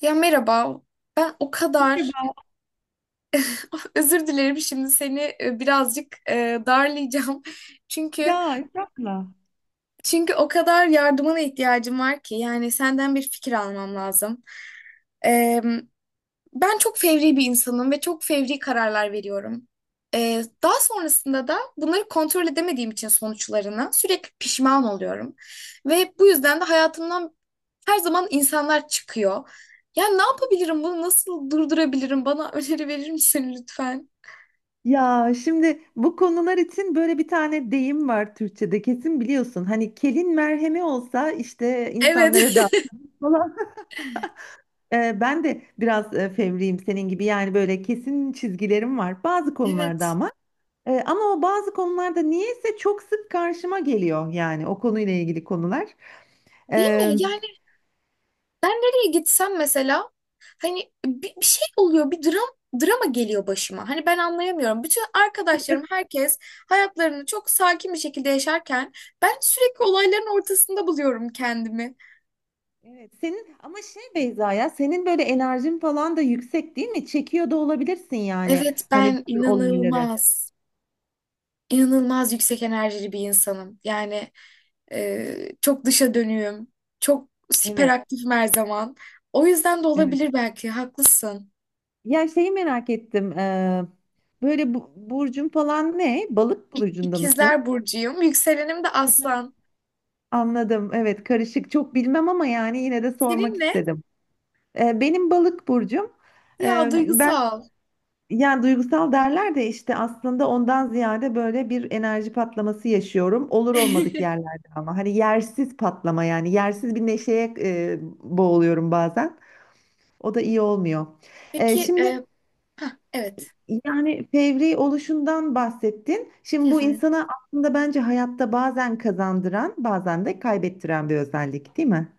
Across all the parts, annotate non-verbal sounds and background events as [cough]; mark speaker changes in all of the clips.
Speaker 1: Ya merhaba. Ben o kadar
Speaker 2: Merhaba.
Speaker 1: [laughs] özür dilerim, şimdi seni birazcık darlayacağım. [laughs]
Speaker 2: Ya
Speaker 1: Çünkü
Speaker 2: Esra'la.
Speaker 1: çünkü o kadar yardımına ihtiyacım var ki, yani senden bir fikir almam lazım. E, Ben çok fevri bir insanım ve çok fevri kararlar veriyorum. Daha sonrasında da bunları kontrol edemediğim için sonuçlarına sürekli pişman oluyorum. Ve bu yüzden de hayatımdan zaman insanlar çıkıyor. Ya ne yapabilirim? Bunu nasıl durdurabilirim? Bana öneri verir misin lütfen?
Speaker 2: Ya şimdi bu konular için böyle bir tane deyim var Türkçe'de kesin biliyorsun. Hani kelin merhemi olsa işte
Speaker 1: Evet.
Speaker 2: insanlara da
Speaker 1: [laughs]
Speaker 2: falan. [laughs] Ben de biraz fevriyim senin gibi yani böyle kesin çizgilerim var bazı konularda
Speaker 1: Evet.
Speaker 2: ama. Ama o bazı konularda niyeyse çok sık karşıma geliyor yani o konuyla ilgili konular.
Speaker 1: Değil
Speaker 2: Ee,
Speaker 1: mi? Yani ben nereye gitsem, mesela hani bir şey oluyor, bir drama geliyor başıma. Hani ben anlayamıyorum. Bütün arkadaşlarım, herkes hayatlarını çok sakin bir şekilde yaşarken ben sürekli olayların ortasında buluyorum kendimi.
Speaker 2: Evet, senin ama şey Beyza ya senin böyle enerjin falan da yüksek değil mi? Çekiyor da olabilirsin yani
Speaker 1: Evet,
Speaker 2: hani bu
Speaker 1: ben
Speaker 2: tür olayları.
Speaker 1: inanılmaz yüksek enerjili bir insanım. Yani çok dışa dönüyüm. Çok
Speaker 2: Evet,
Speaker 1: hiperaktifim her zaman. O yüzden de
Speaker 2: evet.
Speaker 1: olabilir belki. Haklısın.
Speaker 2: Ya şeyi merak ettim. Böyle bu, burcun falan ne? Balık burcunda mısın?
Speaker 1: İkizler burcuyum. Yükselenim de
Speaker 2: Evet.
Speaker 1: aslan.
Speaker 2: Anladım. Evet, karışık. Çok bilmem ama yani yine de sormak
Speaker 1: Senin ne?
Speaker 2: istedim. Benim balık burcum.
Speaker 1: Ya
Speaker 2: Ben
Speaker 1: duygusal.
Speaker 2: Yani duygusal derler de işte aslında ondan ziyade böyle bir enerji patlaması yaşıyorum. Olur olmadık
Speaker 1: [laughs]
Speaker 2: yerlerde ama hani yersiz patlama yani yersiz bir neşeye boğuluyorum bazen. O da iyi olmuyor.
Speaker 1: Peki,
Speaker 2: Şimdi
Speaker 1: evet.
Speaker 2: yani fevri oluşundan bahsettin.
Speaker 1: Hı
Speaker 2: Şimdi bu
Speaker 1: hı.
Speaker 2: insana aslında bence hayatta bazen kazandıran bazen de kaybettiren bir özellik değil mi?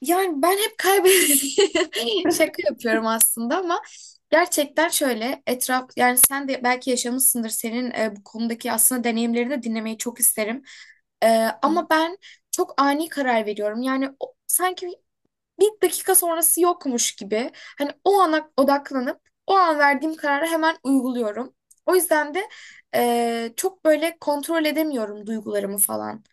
Speaker 1: Yani ben hep kaybediyorum. [laughs] Şaka yapıyorum aslında ama gerçekten şöyle etraf, yani sen de belki yaşamışsındır, senin bu konudaki aslında deneyimlerini de dinlemeyi çok isterim. E, Ama ben çok ani karar veriyorum. Yani sanki bir dakika sonrası yokmuş gibi, hani o ana odaklanıp o an verdiğim kararı hemen uyguluyorum. O yüzden de çok böyle kontrol edemiyorum duygularımı falan.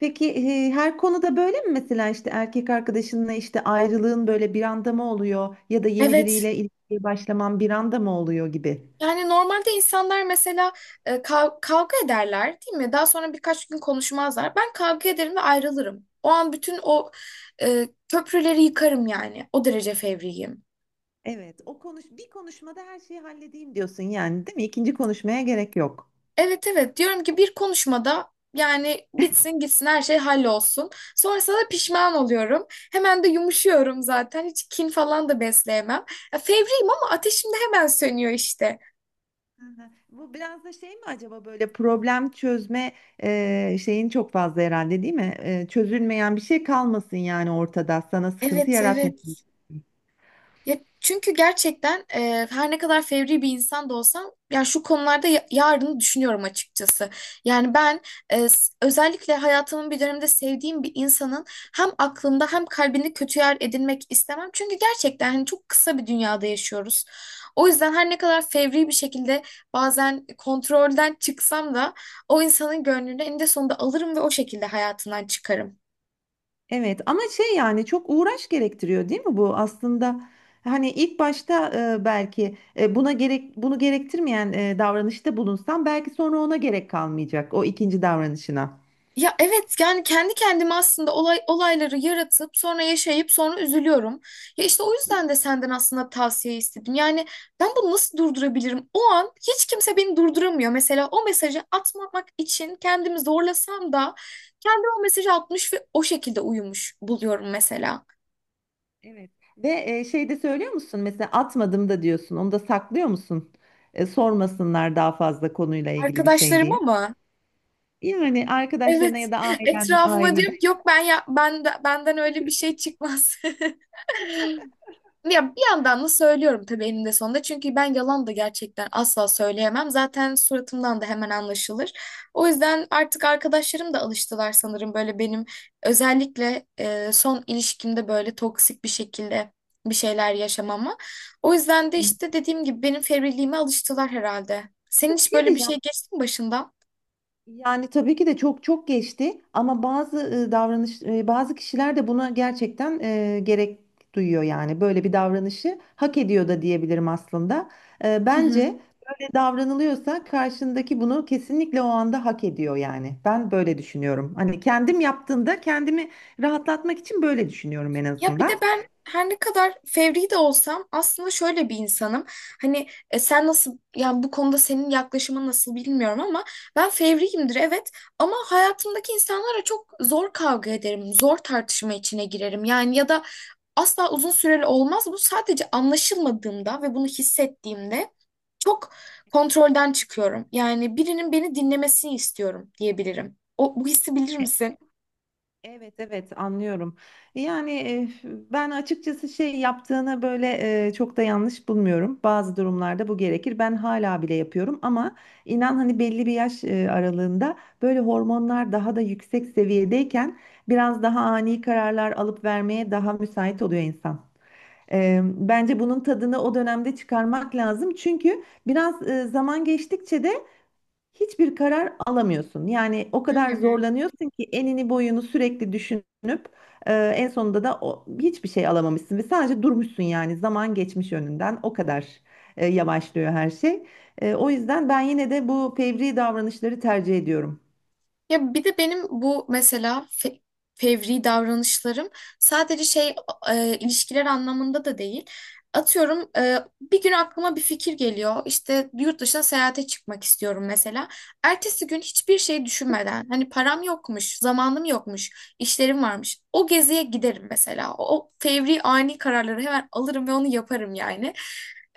Speaker 2: Peki her konuda böyle mi mesela işte erkek arkadaşınla işte ayrılığın böyle bir anda mı oluyor ya da yeni
Speaker 1: Evet.
Speaker 2: biriyle ilişkiye başlaman bir anda mı oluyor gibi?
Speaker 1: Yani normalde insanlar, mesela kavga ederler, değil mi? Daha sonra birkaç gün konuşmazlar. Ben kavga ederim ve ayrılırım. O an bütün o köprüleri yıkarım yani. O derece fevriyim.
Speaker 2: Evet, o konuş bir konuşmada her şeyi halledeyim diyorsun yani değil mi? İkinci konuşmaya gerek yok.
Speaker 1: Evet, evet diyorum ki bir konuşmada, yani bitsin gitsin, her şey hallolsun. Sonrasında da pişman oluyorum. Hemen de yumuşuyorum zaten. Hiç kin falan da besleyemem. Ya, fevriyim ama ateşim de hemen sönüyor işte.
Speaker 2: Hı hı. Bu biraz da şey mi acaba böyle problem çözme şeyin çok fazla herhalde değil mi? Çözülmeyen bir şey kalmasın yani ortada sana sıkıntı
Speaker 1: Evet, evet.
Speaker 2: yaratmasın.
Speaker 1: Ya çünkü gerçekten her ne kadar fevri bir insan da olsam, ya şu konularda yarını düşünüyorum açıkçası. Yani ben özellikle hayatımın bir döneminde sevdiğim bir insanın hem aklında hem kalbinde kötü yer edinmek istemem. Çünkü gerçekten hani çok kısa bir dünyada yaşıyoruz. O yüzden her ne kadar fevri bir şekilde bazen kontrolden çıksam da o insanın gönlünü eninde sonunda alırım ve o şekilde hayatından çıkarım.
Speaker 2: Evet ama şey yani çok uğraş gerektiriyor değil mi bu aslında hani ilk başta belki buna gerek bunu gerektirmeyen davranışta bulunsan belki sonra ona gerek kalmayacak o ikinci davranışına.
Speaker 1: Ya evet, yani kendi kendime aslında olayları yaratıp sonra yaşayıp sonra üzülüyorum. Ya işte o yüzden de senden aslında tavsiye istedim. Yani ben bunu nasıl durdurabilirim? O an hiç kimse beni durduramıyor. Mesela o mesajı atmamak için kendimi zorlasam da kendim o mesajı atmış ve o şekilde uyumuş buluyorum mesela.
Speaker 2: Evet. Ve şey de söylüyor musun mesela atmadım da diyorsun onu da saklıyor musun? Sormasınlar daha fazla konuyla ilgili bir şey
Speaker 1: Arkadaşlarım,
Speaker 2: diye.
Speaker 1: ama
Speaker 2: Yani
Speaker 1: evet,
Speaker 2: arkadaşlarına ya da
Speaker 1: [laughs]
Speaker 2: ailen
Speaker 1: etrafıma
Speaker 2: ailede.
Speaker 1: diyorum ki, yok ben, ya ben, benden öyle bir şey çıkmaz. [laughs] Ya bir yandan da söylüyorum tabii eninde sonunda. Çünkü ben yalan da gerçekten asla söyleyemem. Zaten suratımdan da hemen anlaşılır. O yüzden artık arkadaşlarım da alıştılar sanırım böyle benim, özellikle son ilişkimde böyle toksik bir şekilde bir şeyler yaşamama. O yüzden de
Speaker 2: Hı.
Speaker 1: işte dediğim gibi benim fevriliğime alıştılar herhalde. Senin
Speaker 2: Bir
Speaker 1: hiç
Speaker 2: şey
Speaker 1: böyle bir
Speaker 2: diyeceğim.
Speaker 1: şey geçti mi başından?
Speaker 2: Yani tabii ki de çok çok geçti ama bazı davranış bazı kişiler de buna gerçekten gerek duyuyor yani böyle bir davranışı hak ediyor da diyebilirim aslında. Bence böyle davranılıyorsa karşındaki bunu kesinlikle o anda hak ediyor yani. Ben böyle düşünüyorum. Hani kendim yaptığımda kendimi rahatlatmak için böyle düşünüyorum en
Speaker 1: Ya bir de
Speaker 2: azından.
Speaker 1: ben her ne kadar fevri de olsam aslında şöyle bir insanım. Hani sen nasıl, yani bu konuda senin yaklaşımın nasıl bilmiyorum, ama ben fevriyimdir evet, ama hayatımdaki insanlara çok zor kavga ederim. Zor tartışma içine girerim. Yani ya da asla uzun süreli olmaz. Bu sadece anlaşılmadığımda ve bunu hissettiğimde çok kontrolden çıkıyorum. Yani birinin beni dinlemesini istiyorum diyebilirim. O, bu hissi bilir misin?
Speaker 2: Evet, evet, anlıyorum. Yani ben açıkçası şey yaptığını böyle çok da yanlış bulmuyorum. Bazı durumlarda bu gerekir. Ben hala bile yapıyorum ama inan hani belli bir yaş aralığında böyle hormonlar daha da yüksek seviyedeyken biraz daha ani kararlar alıp vermeye daha müsait oluyor insan. Bence bunun tadını o dönemde çıkarmak lazım. Çünkü biraz zaman geçtikçe de hiçbir karar alamıyorsun. Yani o kadar zorlanıyorsun ki enini boyunu sürekli düşünüp en sonunda da o, hiçbir şey alamamışsın ve sadece durmuşsun yani zaman geçmiş önünden o kadar yavaşlıyor her şey. O yüzden ben yine de bu fevri davranışları tercih ediyorum.
Speaker 1: Ya bir de benim bu mesela fevri davranışlarım sadece şey, ilişkiler anlamında da değil. Atıyorum, bir gün aklıma bir fikir geliyor. İşte yurt dışına seyahate çıkmak istiyorum mesela. Ertesi gün hiçbir şey düşünmeden, hani param yokmuş, zamanım yokmuş, işlerim varmış, o geziye giderim mesela. O fevri ani kararları hemen alırım ve onu yaparım yani.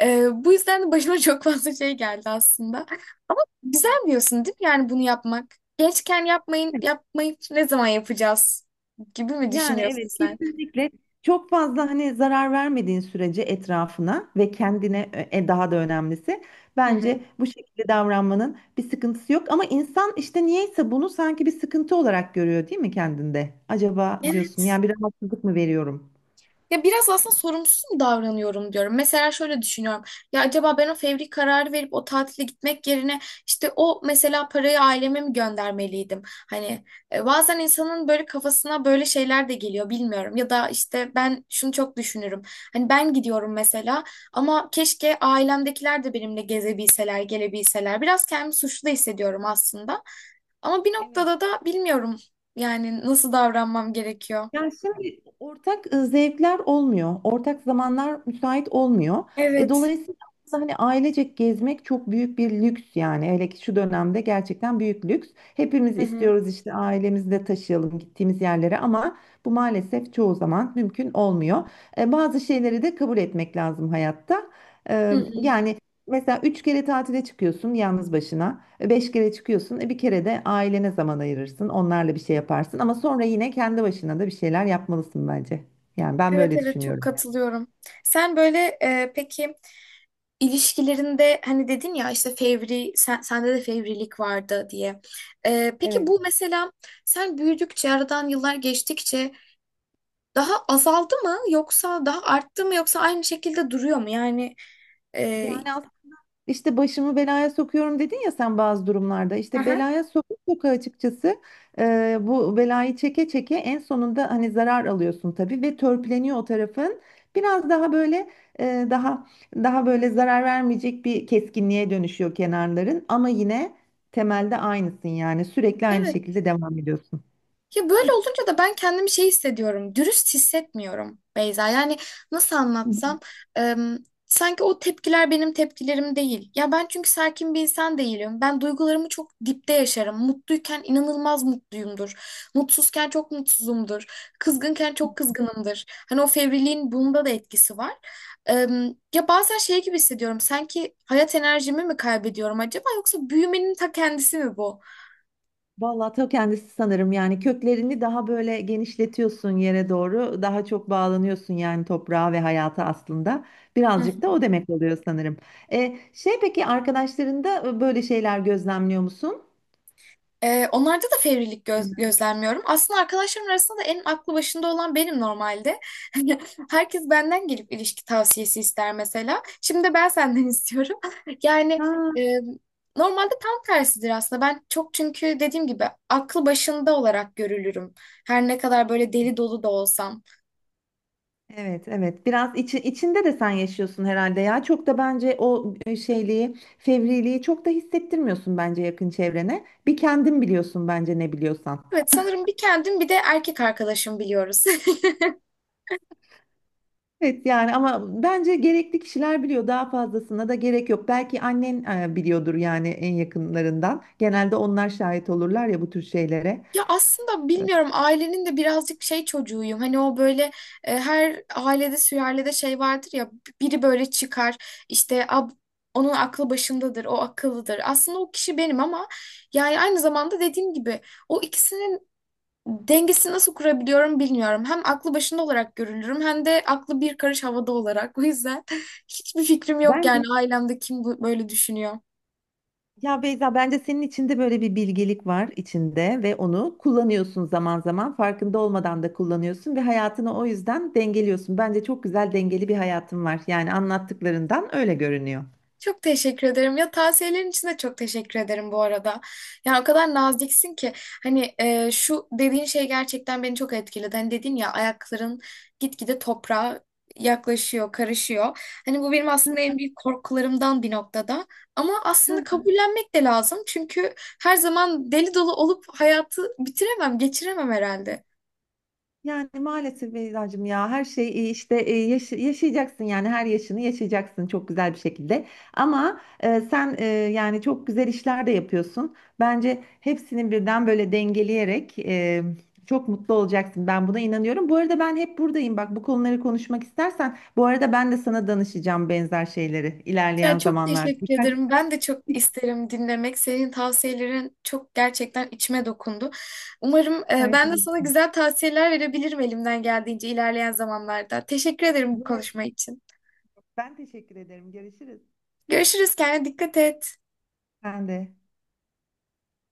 Speaker 1: Bu yüzden de başıma [laughs] çok fazla şey geldi aslında.
Speaker 2: Ya
Speaker 1: Güzel diyorsun değil mi yani bunu yapmak? Gençken yapmayın, yapmayı ne zaman yapacağız gibi mi
Speaker 2: yani
Speaker 1: düşünüyorsun
Speaker 2: evet,
Speaker 1: sen?
Speaker 2: kesinlikle çok fazla hani zarar vermediğin sürece etrafına ve kendine daha da önemlisi
Speaker 1: Hı hı.
Speaker 2: bence bu şekilde davranmanın bir sıkıntısı yok ama insan işte niyeyse bunu sanki bir sıkıntı olarak görüyor değil mi kendinde? Acaba diyorsun
Speaker 1: Evet.
Speaker 2: yani bir rahatsızlık mı veriyorum?
Speaker 1: Ya biraz aslında sorumsuz mu davranıyorum diyorum. Mesela şöyle düşünüyorum. Ya acaba ben o fevri kararı verip o tatile gitmek yerine işte o mesela parayı aileme mi göndermeliydim? Hani bazen insanın böyle kafasına böyle şeyler de geliyor, bilmiyorum. Ya da işte ben şunu çok düşünürüm. Hani ben gidiyorum mesela, ama keşke ailemdekiler de benimle gezebilseler, gelebilseler. Biraz kendimi suçlu da hissediyorum aslında. Ama bir
Speaker 2: Evet.
Speaker 1: noktada da bilmiyorum yani nasıl davranmam gerekiyor.
Speaker 2: Yani şimdi ortak zevkler olmuyor. Ortak zamanlar müsait olmuyor.
Speaker 1: Evet.
Speaker 2: Dolayısıyla aslında hani ailecek gezmek çok büyük bir lüks yani. Hele ki şu dönemde gerçekten büyük lüks. Hepimiz
Speaker 1: Hı hı.
Speaker 2: istiyoruz işte ailemizi de taşıyalım gittiğimiz yerlere ama bu maalesef çoğu zaman mümkün olmuyor. Bazı şeyleri de kabul etmek lazım hayatta.
Speaker 1: Hı hı.
Speaker 2: Yani mesela üç kere tatile çıkıyorsun yalnız başına. Beş kere çıkıyorsun. E bir kere de ailene zaman ayırırsın. Onlarla bir şey yaparsın. Ama sonra yine kendi başına da bir şeyler yapmalısın bence. Yani ben
Speaker 1: Evet,
Speaker 2: böyle
Speaker 1: evet, çok
Speaker 2: düşünüyorum.
Speaker 1: katılıyorum. Sen böyle peki ilişkilerinde, hani dedin ya işte fevri, sende de fevrilik vardı diye. Peki
Speaker 2: Evet.
Speaker 1: bu mesela sen büyüdükçe, aradan yıllar geçtikçe daha azaldı mı yoksa daha arttı mı, yoksa aynı şekilde duruyor mu? Yani e,
Speaker 2: Yani İşte başımı belaya sokuyorum dedin ya sen bazı durumlarda. İşte
Speaker 1: Aha.
Speaker 2: belaya sokup soka açıkçası bu belayı çeke çeke en sonunda hani zarar alıyorsun tabii ve törpüleniyor o tarafın. Biraz daha böyle e, daha daha böyle zarar vermeyecek bir keskinliğe dönüşüyor kenarların ama yine temelde aynısın yani sürekli aynı
Speaker 1: Evet.
Speaker 2: şekilde devam ediyorsun.
Speaker 1: Ya böyle olunca da ben kendimi şey hissediyorum. Dürüst hissetmiyorum Beyza. Yani nasıl anlatsam, em, sanki o tepkiler benim tepkilerim değil. Ya ben çünkü sakin bir insan değilim. Ben duygularımı çok dipte yaşarım. Mutluyken inanılmaz mutluyumdur. Mutsuzken çok mutsuzumdur. Kızgınken çok kızgınımdır. Hani o fevriliğin bunda da etkisi var. Ya bazen şey gibi hissediyorum. Sanki hayat enerjimi mi kaybediyorum acaba, yoksa büyümenin ta kendisi mi bu?
Speaker 2: Vallahi ta kendisi sanırım yani köklerini daha böyle genişletiyorsun yere doğru daha çok bağlanıyorsun yani toprağa ve hayata aslında birazcık da o demek oluyor sanırım. Şey peki arkadaşlarında böyle şeyler gözlemliyor musun?
Speaker 1: Onlarda da fevrilik
Speaker 2: Bilmem.
Speaker 1: gözlemliyorum. Aslında arkadaşlarım arasında da en aklı başında olan benim normalde. [laughs] Herkes benden gelip ilişki tavsiyesi ister mesela. Şimdi de ben senden [laughs] istiyorum. Yani
Speaker 2: Ha,
Speaker 1: e, normalde tam tersidir aslında. Ben çok, çünkü dediğim gibi aklı başında olarak görülürüm. Her ne kadar böyle deli dolu da olsam.
Speaker 2: evet, evet, biraz içinde de sen yaşıyorsun herhalde ya çok da bence o şeyliği fevriliği çok da hissettirmiyorsun bence yakın çevrene bir kendin biliyorsun bence ne biliyorsan.
Speaker 1: Evet, sanırım bir kendim, bir de erkek arkadaşım biliyoruz. [laughs]
Speaker 2: Evet yani ama bence gerekli kişiler biliyor daha fazlasına da gerek yok. Belki annen biliyordur yani en yakınlarından. Genelde onlar şahit olurlar ya bu tür şeylere.
Speaker 1: Ya aslında bilmiyorum, ailenin de birazcık şey çocuğuyum. Hani o böyle her ailede, sülalede şey vardır ya, biri böyle çıkar, işte onun aklı başındadır, o akıllıdır. Aslında o kişi benim, ama yani aynı zamanda dediğim gibi o ikisinin dengesini nasıl kurabiliyorum bilmiyorum. Hem aklı başında olarak görülürüm, hem de aklı bir karış havada olarak. [laughs] O yüzden hiçbir fikrim yok yani
Speaker 2: Bence
Speaker 1: ailemde kim böyle düşünüyor.
Speaker 2: ya Beyza bence senin içinde böyle bir bilgelik var içinde ve onu kullanıyorsun zaman zaman farkında olmadan da kullanıyorsun ve hayatını o yüzden dengeliyorsun. Bence çok güzel dengeli bir hayatın var. Yani anlattıklarından öyle görünüyor.
Speaker 1: Çok teşekkür ederim. Ya tavsiyelerin için de çok teşekkür ederim bu arada. Ya o kadar naziksin ki, hani şu dediğin şey gerçekten beni çok etkiledi. Hani dedin ya, ayakların gitgide toprağa yaklaşıyor, karışıyor. Hani bu benim aslında en büyük korkularımdan bir noktada. Ama
Speaker 2: Hı,
Speaker 1: aslında kabullenmek de lazım. Çünkü her zaman deli dolu olup hayatı bitiremem, geçiremem herhalde.
Speaker 2: yani maalesef Beyza'cığım ya her şey işte yaşayacaksın yani her yaşını yaşayacaksın çok güzel bir şekilde. Ama sen yani çok güzel işler de yapıyorsun. Bence hepsini birden böyle dengeleyerek çok mutlu olacaksın. Ben buna inanıyorum. Bu arada ben hep buradayım. Bak bu konuları konuşmak istersen bu arada ben de sana danışacağım benzer şeyleri
Speaker 1: Ya
Speaker 2: ilerleyen
Speaker 1: çok
Speaker 2: zamanlarda.
Speaker 1: teşekkür
Speaker 2: Birkaç.
Speaker 1: ederim. Ben de çok isterim dinlemek. Senin tavsiyelerin çok, gerçekten içime dokundu. Umarım
Speaker 2: Rica
Speaker 1: ben de sana güzel tavsiyeler verebilirim elimden geldiğince ilerleyen zamanlarda. Teşekkür ederim bu
Speaker 2: Buna-
Speaker 1: konuşma için.
Speaker 2: Ben teşekkür ederim. Görüşürüz.
Speaker 1: Görüşürüz. Kendine dikkat et.
Speaker 2: Ben de.